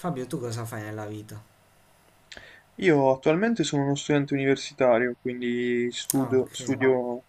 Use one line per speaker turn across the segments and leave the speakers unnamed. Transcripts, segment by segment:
Fabio, tu cosa fai nella vita?
Io attualmente sono uno studente universitario, quindi
Ah,
studio,
ok,
studio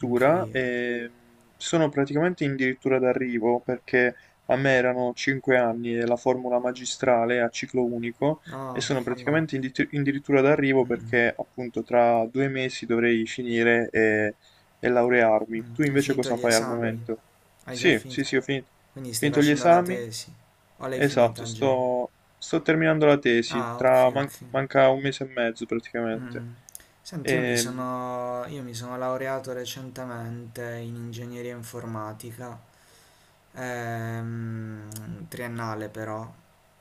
anche io.
e sono praticamente addirittura d'arrivo perché a me erano 5 anni e la formula magistrale a ciclo unico
Ah,
e sono
ok.
praticamente addirittura d'arrivo perché appunto tra 2 mesi dovrei finire e laurearmi. Tu
Hai
invece
finito
cosa
gli
fai al
esami?
momento?
Hai già
Sì, sì,
finito?
sì, ho finito,
Quindi stai
finito gli
facendo la
esami.
tesi? O l'hai
Esatto,
finita già?
Sto terminando la tesi,
Ah, ok,
tra man-
ok.
manca un mese e mezzo praticamente.
Mm. Senti, io mi
E,
sono, io mi sono laureato recentemente in ingegneria informatica, triennale però.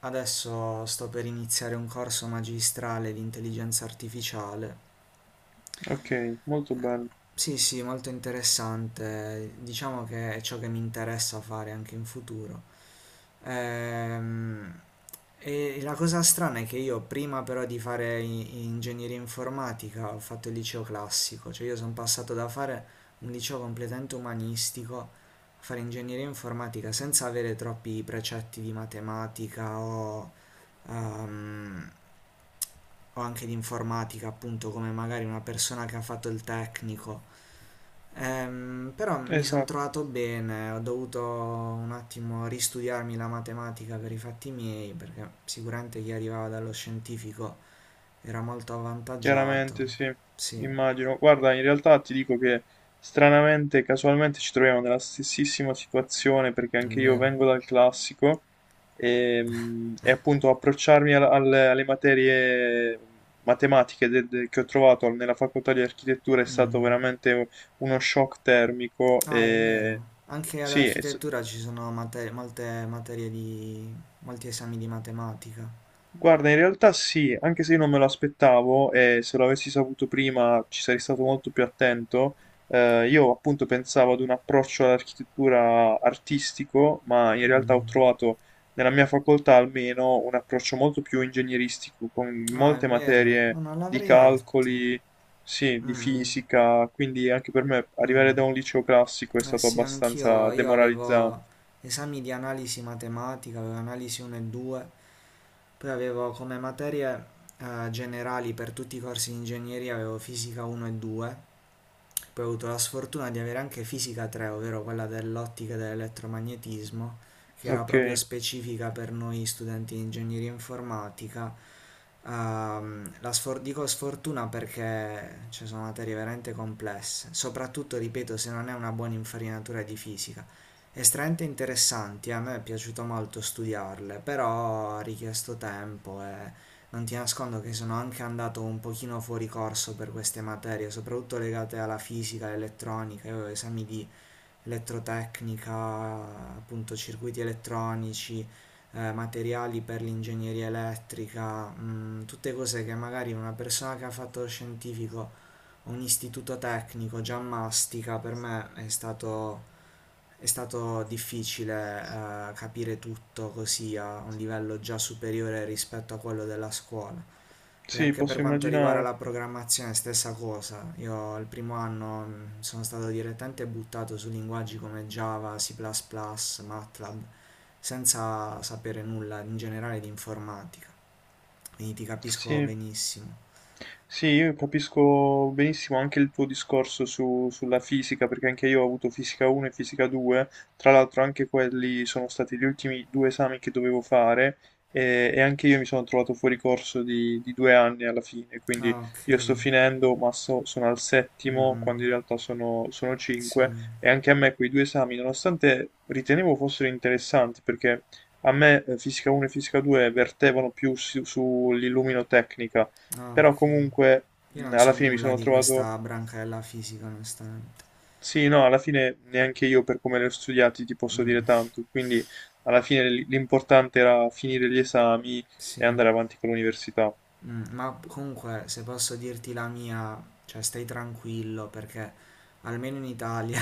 Adesso sto per iniziare un corso magistrale di intelligenza artificiale.
ok, molto bello.
Sì, sì, molto interessante. Diciamo che è ciò che mi interessa fare anche in futuro. Ehm, e la cosa strana è che io prima però di fare ingegneria informatica ho fatto il liceo classico, cioè io sono passato da fare un liceo completamente umanistico a fare ingegneria informatica senza avere troppi precetti di matematica ehm, o anche di informatica, appunto, come magari una persona che ha fatto il tecnico. Però mi sono
Esatto,
trovato bene, ho dovuto un attimo ristudiarmi la matematica per i fatti miei, perché sicuramente chi arrivava dallo scientifico era molto avvantaggiato.
chiaramente sì,
Sì, è
immagino. Guarda, in realtà ti dico che stranamente, casualmente ci troviamo nella stessissima situazione perché anche io
vero.
vengo dal classico e appunto approcciarmi alle materie matematiche che ho trovato nella facoltà di architettura è stato
Mm.
veramente uno shock termico
Ah, è
e
vero. Anche ad
Sì, e s-
architettura ci sono molte materie di molti esami di matematica.
guarda, in realtà sì, anche se io non me lo aspettavo e se lo avessi saputo prima ci sarei stato molto più attento. Io appunto pensavo ad un approccio all'architettura artistico, ma in realtà ho trovato nella mia facoltà almeno un approccio molto più ingegneristico, con
Ah, è
molte
vero. Oh,
materie
non
di
l'avrei detto.
calcoli, sì, di
Mm,
fisica, quindi anche per me arrivare
mm.
da un liceo classico è
Eh
stato
sì,
abbastanza
anch'io, io
demoralizzante.
avevo esami di analisi matematica, avevo analisi 1 e 2, poi avevo come materie generali per tutti i corsi di ingegneria, avevo fisica 1 e 2. Poi ho avuto la sfortuna di avere anche fisica 3, ovvero quella dell'ottica e dell'elettromagnetismo, che era
Ok,
proprio specifica per noi studenti di ingegneria informatica. Dico sfortuna perché ci sono materie veramente complesse, soprattutto, ripeto, se non è una buona infarinatura di fisica. Estremamente interessanti, a me è piaciuto molto studiarle, però ha richiesto tempo e non ti nascondo che sono anche andato un pochino fuori corso per queste materie, soprattutto legate alla fisica, all'elettronica, io avevo esami di elettrotecnica, appunto circuiti elettronici, materiali per l'ingegneria elettrica, tutte cose che magari una persona che ha fatto lo scientifico o un istituto tecnico già mastica, per me è stato difficile capire tutto così a un livello già superiore rispetto a quello della scuola. Poi
sì,
anche per
posso
quanto riguarda la
immaginare.
programmazione, stessa cosa. Io il primo anno sono stato direttamente buttato su linguaggi come Java, C++, plus plus, MATLAB, senza sapere nulla in generale di informatica. Quindi ti capisco
Sì.
benissimo.
Sì, io capisco benissimo anche il tuo discorso sulla fisica, perché anche io ho avuto fisica 1 e fisica 2, tra l'altro anche quelli sono stati gli ultimi due esami che dovevo fare e anche io mi sono trovato fuori corso di 2 anni alla fine, quindi
Ah, ok.
io sto finendo, ma sono al settimo,
Mm,
quando in realtà sono
sì.
cinque, e anche a me quei due esami, nonostante ritenevo fossero interessanti, perché a me fisica 1 e fisica 2 vertevano più sull'illuminotecnica
Ah,
però
ok.
comunque
Io non so
alla fine mi
nulla
sono
di
trovato.
questa branca della fisica, onestamente.
Sì, no, alla fine neanche io per come li ho studiati ti posso dire tanto, quindi alla fine l'importante era finire gli esami e
Sì.
andare avanti con l'università.
Ma comunque, se posso dirti la mia, cioè stai tranquillo perché almeno in Italia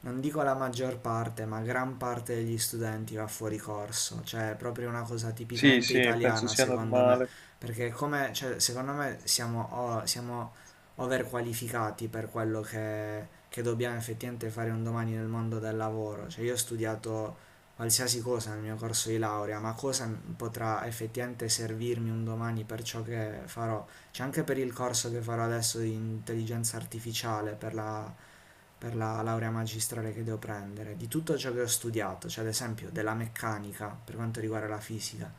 non dico la maggior parte, ma gran parte degli studenti va fuori corso, cioè è proprio una cosa
Sì,
tipicamente
sì, penso
italiana
sia
secondo me,
normale.
perché come, cioè, secondo me siamo overqualificati per quello che dobbiamo effettivamente fare un domani nel mondo del lavoro, cioè io ho studiato qualsiasi cosa nel mio corso di laurea, ma cosa potrà effettivamente servirmi un domani per ciò che farò? C'è anche per il corso che farò adesso di intelligenza artificiale, per la laurea magistrale che devo prendere, di tutto ciò che ho studiato, cioè ad esempio della meccanica per quanto riguarda la fisica,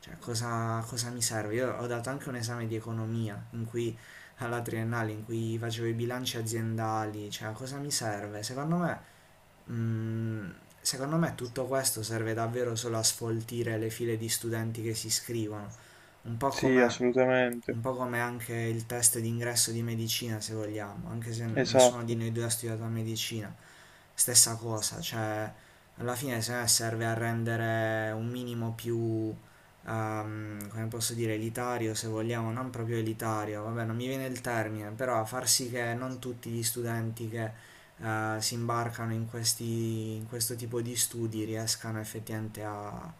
cioè cosa mi serve? Io ho dato anche un esame di economia in cui alla triennale in cui facevo i bilanci aziendali, cioè cosa mi serve? Mm, secondo me, tutto questo serve davvero solo a sfoltire le file di studenti che si iscrivono, un po'
Sì,
come un
assolutamente.
po' come anche il test d'ingresso di medicina se vogliamo, anche se nessuno di
Esatto.
noi due ha studiato medicina, stessa cosa, cioè alla fine se no, serve a rendere un minimo più, come posso dire, elitario se vogliamo, non proprio elitario, vabbè non mi viene il termine, però a far sì che non tutti gli studenti che si imbarcano in, questi, in questo tipo di studi riescano effettivamente a,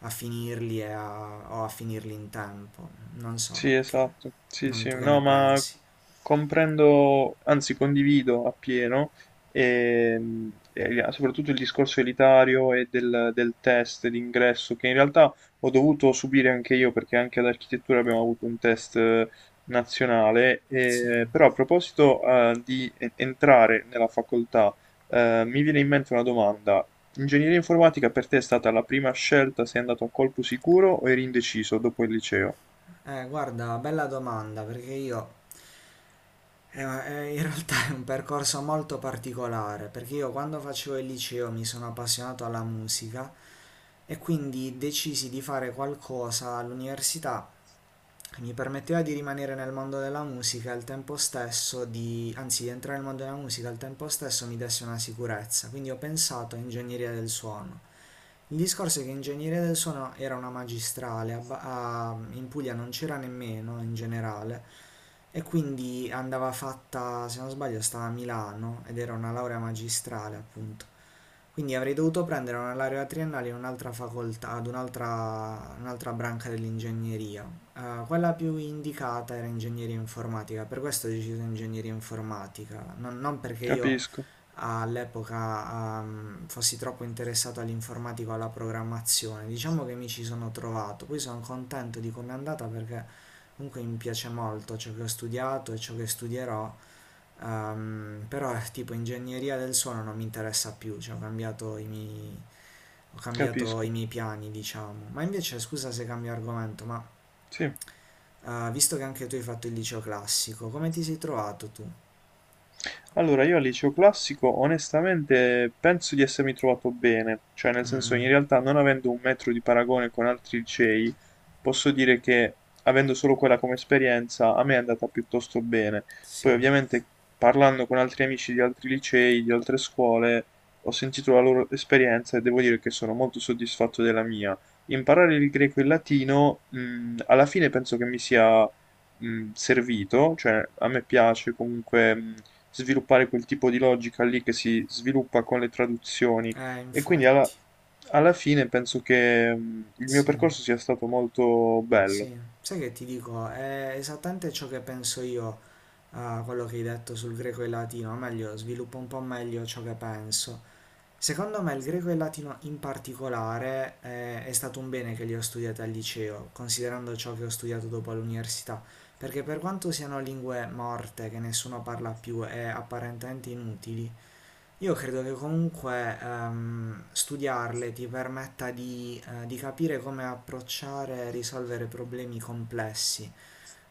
a finirli e o a finirli in tempo, non so,
Sì,
che,
esatto, sì,
non,
sì,
tu che ne
no, ma
pensi?
comprendo, anzi condivido appieno, e soprattutto il discorso elitario e del, del test d'ingresso, che in realtà ho dovuto subire anche io, perché anche ad architettura abbiamo avuto un test nazionale,
Sì.
e però a proposito di entrare nella facoltà, mi viene in mente una domanda. Ingegneria informatica per te è stata la prima scelta? Sei andato a colpo sicuro o eri indeciso dopo il liceo?
Guarda, bella domanda perché io. In realtà è un percorso molto particolare perché io quando facevo il liceo mi sono appassionato alla musica e quindi decisi di fare qualcosa all'università che mi permetteva di rimanere nel mondo della musica e al tempo stesso di, anzi di entrare nel mondo della musica e al tempo stesso mi desse una sicurezza. Quindi ho pensato a ingegneria del suono. Il discorso è che ingegneria del suono era una magistrale, in Puglia non c'era nemmeno in generale e quindi andava fatta, se non sbaglio, stava a Milano ed era una laurea magistrale appunto. Quindi avrei dovuto prendere una laurea triennale in un'altra facoltà, ad un'altra, un'altra branca dell'ingegneria. Quella più indicata era ingegneria informatica, per questo ho deciso ingegneria informatica, non perché io
Capisco,
all'epoca fossi troppo interessato all'informatica o alla programmazione. Diciamo che mi ci sono trovato, poi sono contento di come è andata perché comunque mi piace molto ciò che ho studiato e ciò che studierò, però tipo ingegneria del suono non mi interessa più, cioè ho cambiato i miei, ho cambiato i
capisco.
miei piani, diciamo. Ma invece, scusa se cambio argomento, ma
Sì.
visto che anche tu hai fatto il liceo classico, come ti sei trovato tu?
Allora, io al liceo classico onestamente penso di essermi trovato bene, cioè nel
Mm,
senso,
mm,
in realtà non avendo un metro di paragone con altri licei, posso dire che avendo solo quella come esperienza a me è andata piuttosto bene. Poi
sì,
ovviamente parlando con altri amici di altri licei, di altre scuole, ho sentito la loro esperienza e devo dire che sono molto soddisfatto della mia. Imparare il greco e il latino, alla fine penso che mi sia servito, cioè a me piace comunque sviluppare quel tipo di logica lì che si sviluppa con le traduzioni e quindi
infatti,
alla fine penso che il mio
sì.
percorso sia stato molto bello.
Sì, sai che ti dico, è esattamente ciò che penso io a quello che hai detto sul greco e il latino, o meglio, sviluppo un po' meglio ciò che penso. Secondo me il greco e il latino in particolare è stato un bene che li ho studiati al liceo, considerando ciò che ho studiato dopo all'università, perché per quanto siano lingue morte che nessuno parla più e apparentemente inutili, io credo che comunque studiarle ti permetta di capire come approcciare e risolvere problemi complessi,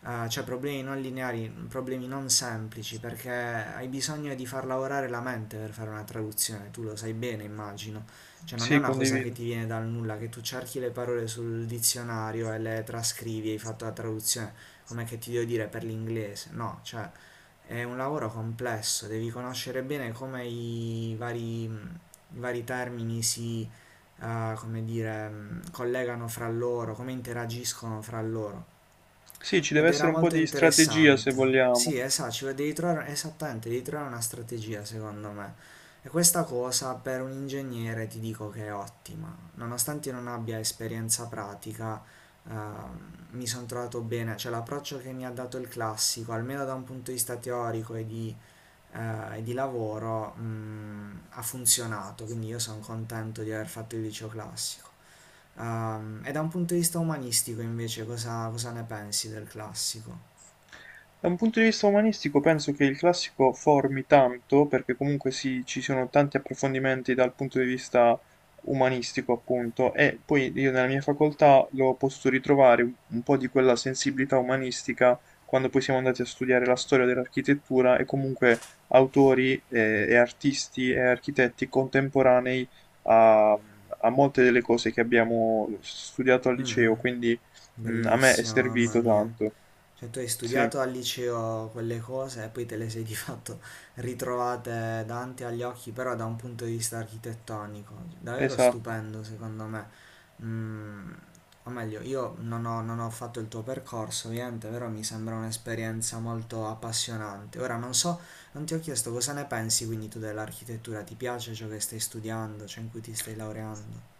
cioè problemi non lineari, problemi non semplici, perché hai bisogno di far lavorare la mente per fare una traduzione, tu lo sai bene, immagino. Cioè non è
Sì,
una cosa che
condivido.
ti viene dal nulla, che tu cerchi le parole sul dizionario e le trascrivi, e hai fatto la traduzione, come che ti devo dire per l'inglese, no, cioè è un lavoro complesso, devi conoscere bene come i vari termini si, come dire, collegano fra loro, come interagiscono fra loro.
Sì, ci deve
Ed era
essere un po'
molto
di strategia se
interessante.
vogliamo.
Sì, esatto, ci devi trovare, esattamente, devi trovare una strategia, secondo me. E questa cosa per un ingegnere ti dico che è ottima. Nonostante io non abbia esperienza pratica, ehm, mi sono trovato bene, cioè l'approccio che mi ha dato il classico, almeno da un punto di vista teorico e di lavoro ha funzionato, quindi io sono contento di aver fatto il liceo classico. E da un punto di vista umanistico invece cosa ne pensi del classico?
Da un punto di vista umanistico penso che il classico formi tanto, perché comunque ci sono tanti approfondimenti dal punto di vista umanistico, appunto, e poi io nella mia facoltà l'ho potuto ritrovare un po' di quella sensibilità umanistica quando poi siamo andati a studiare la storia dell'architettura e comunque autori e artisti e architetti contemporanei a molte delle cose che abbiamo studiato al
Mm, mm,
liceo, quindi a me è
bellissimo, mamma
servito
mia.
tanto.
Cioè, tu hai
Sì.
studiato al liceo quelle cose e poi te le sei di fatto ritrovate davanti agli occhi, però da un punto di vista architettonico, davvero
Esatto.
stupendo secondo me. Mm, o meglio, io non ho fatto il tuo percorso, ovviamente, però mi sembra un'esperienza molto appassionante. Ora non so, non ti ho chiesto cosa ne pensi quindi tu dell'architettura, ti piace ciò che stai studiando, ciò in cui ti stai laureando?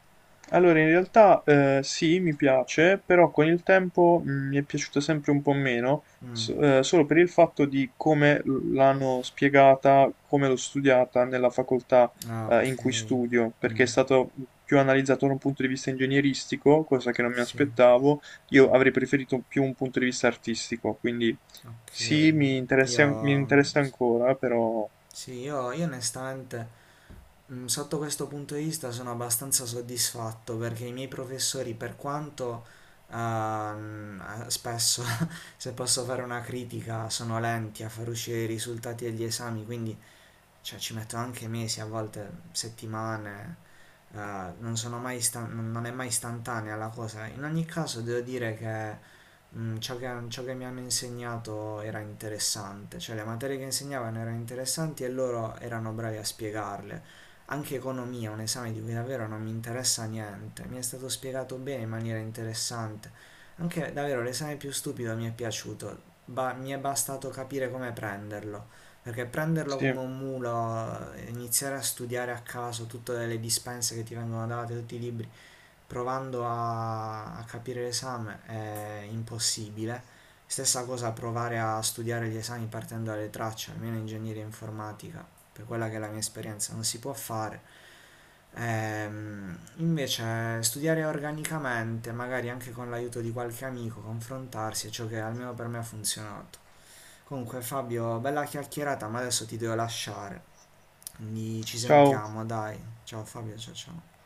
Allora, in realtà sì, mi piace, però con il tempo mi è piaciuta sempre un po' meno,
Mm,
solo per il fatto di come l'hanno spiegata, come l'ho studiata nella facoltà
ah, ok.
in cui studio, perché è
Mm,
stato più analizzato da un punto di vista ingegneristico, cosa che non mi
sì,
aspettavo. Io avrei preferito più un punto di vista artistico, quindi
ok.
sì,
Io
mi interessa ancora, però
Sì, io onestamente sotto questo punto di vista sono abbastanza soddisfatto perché i miei professori, per quanto spesso, se posso fare una critica, sono lenti a far uscire i risultati degli esami, quindi cioè, ci metto anche mesi, a volte settimane, non è mai istantanea la cosa. In ogni caso devo dire che ciò che mi hanno insegnato era interessante, cioè le materie che insegnavano erano interessanti e loro erano bravi a spiegarle. Anche economia, un esame di cui davvero non mi interessa niente, mi è stato spiegato bene in maniera interessante. Anche davvero l'esame più stupido mi è piaciuto, mi è bastato capire come prenderlo, perché prenderlo
sì.
come un mulo, iniziare a studiare a caso tutte le dispense che ti vengono date, tutti i libri, provando a capire l'esame è impossibile. Stessa cosa provare a studiare gli esami partendo dalle tracce, almeno in ingegneria informatica, per quella che è la mia esperienza, non si può fare. Invece studiare organicamente, magari anche con l'aiuto di qualche amico, confrontarsi è ciò che almeno per me ha funzionato. Comunque Fabio, bella chiacchierata, ma adesso ti devo lasciare. Quindi ci
Ciao.
sentiamo, dai. Ciao Fabio, ciao ciao.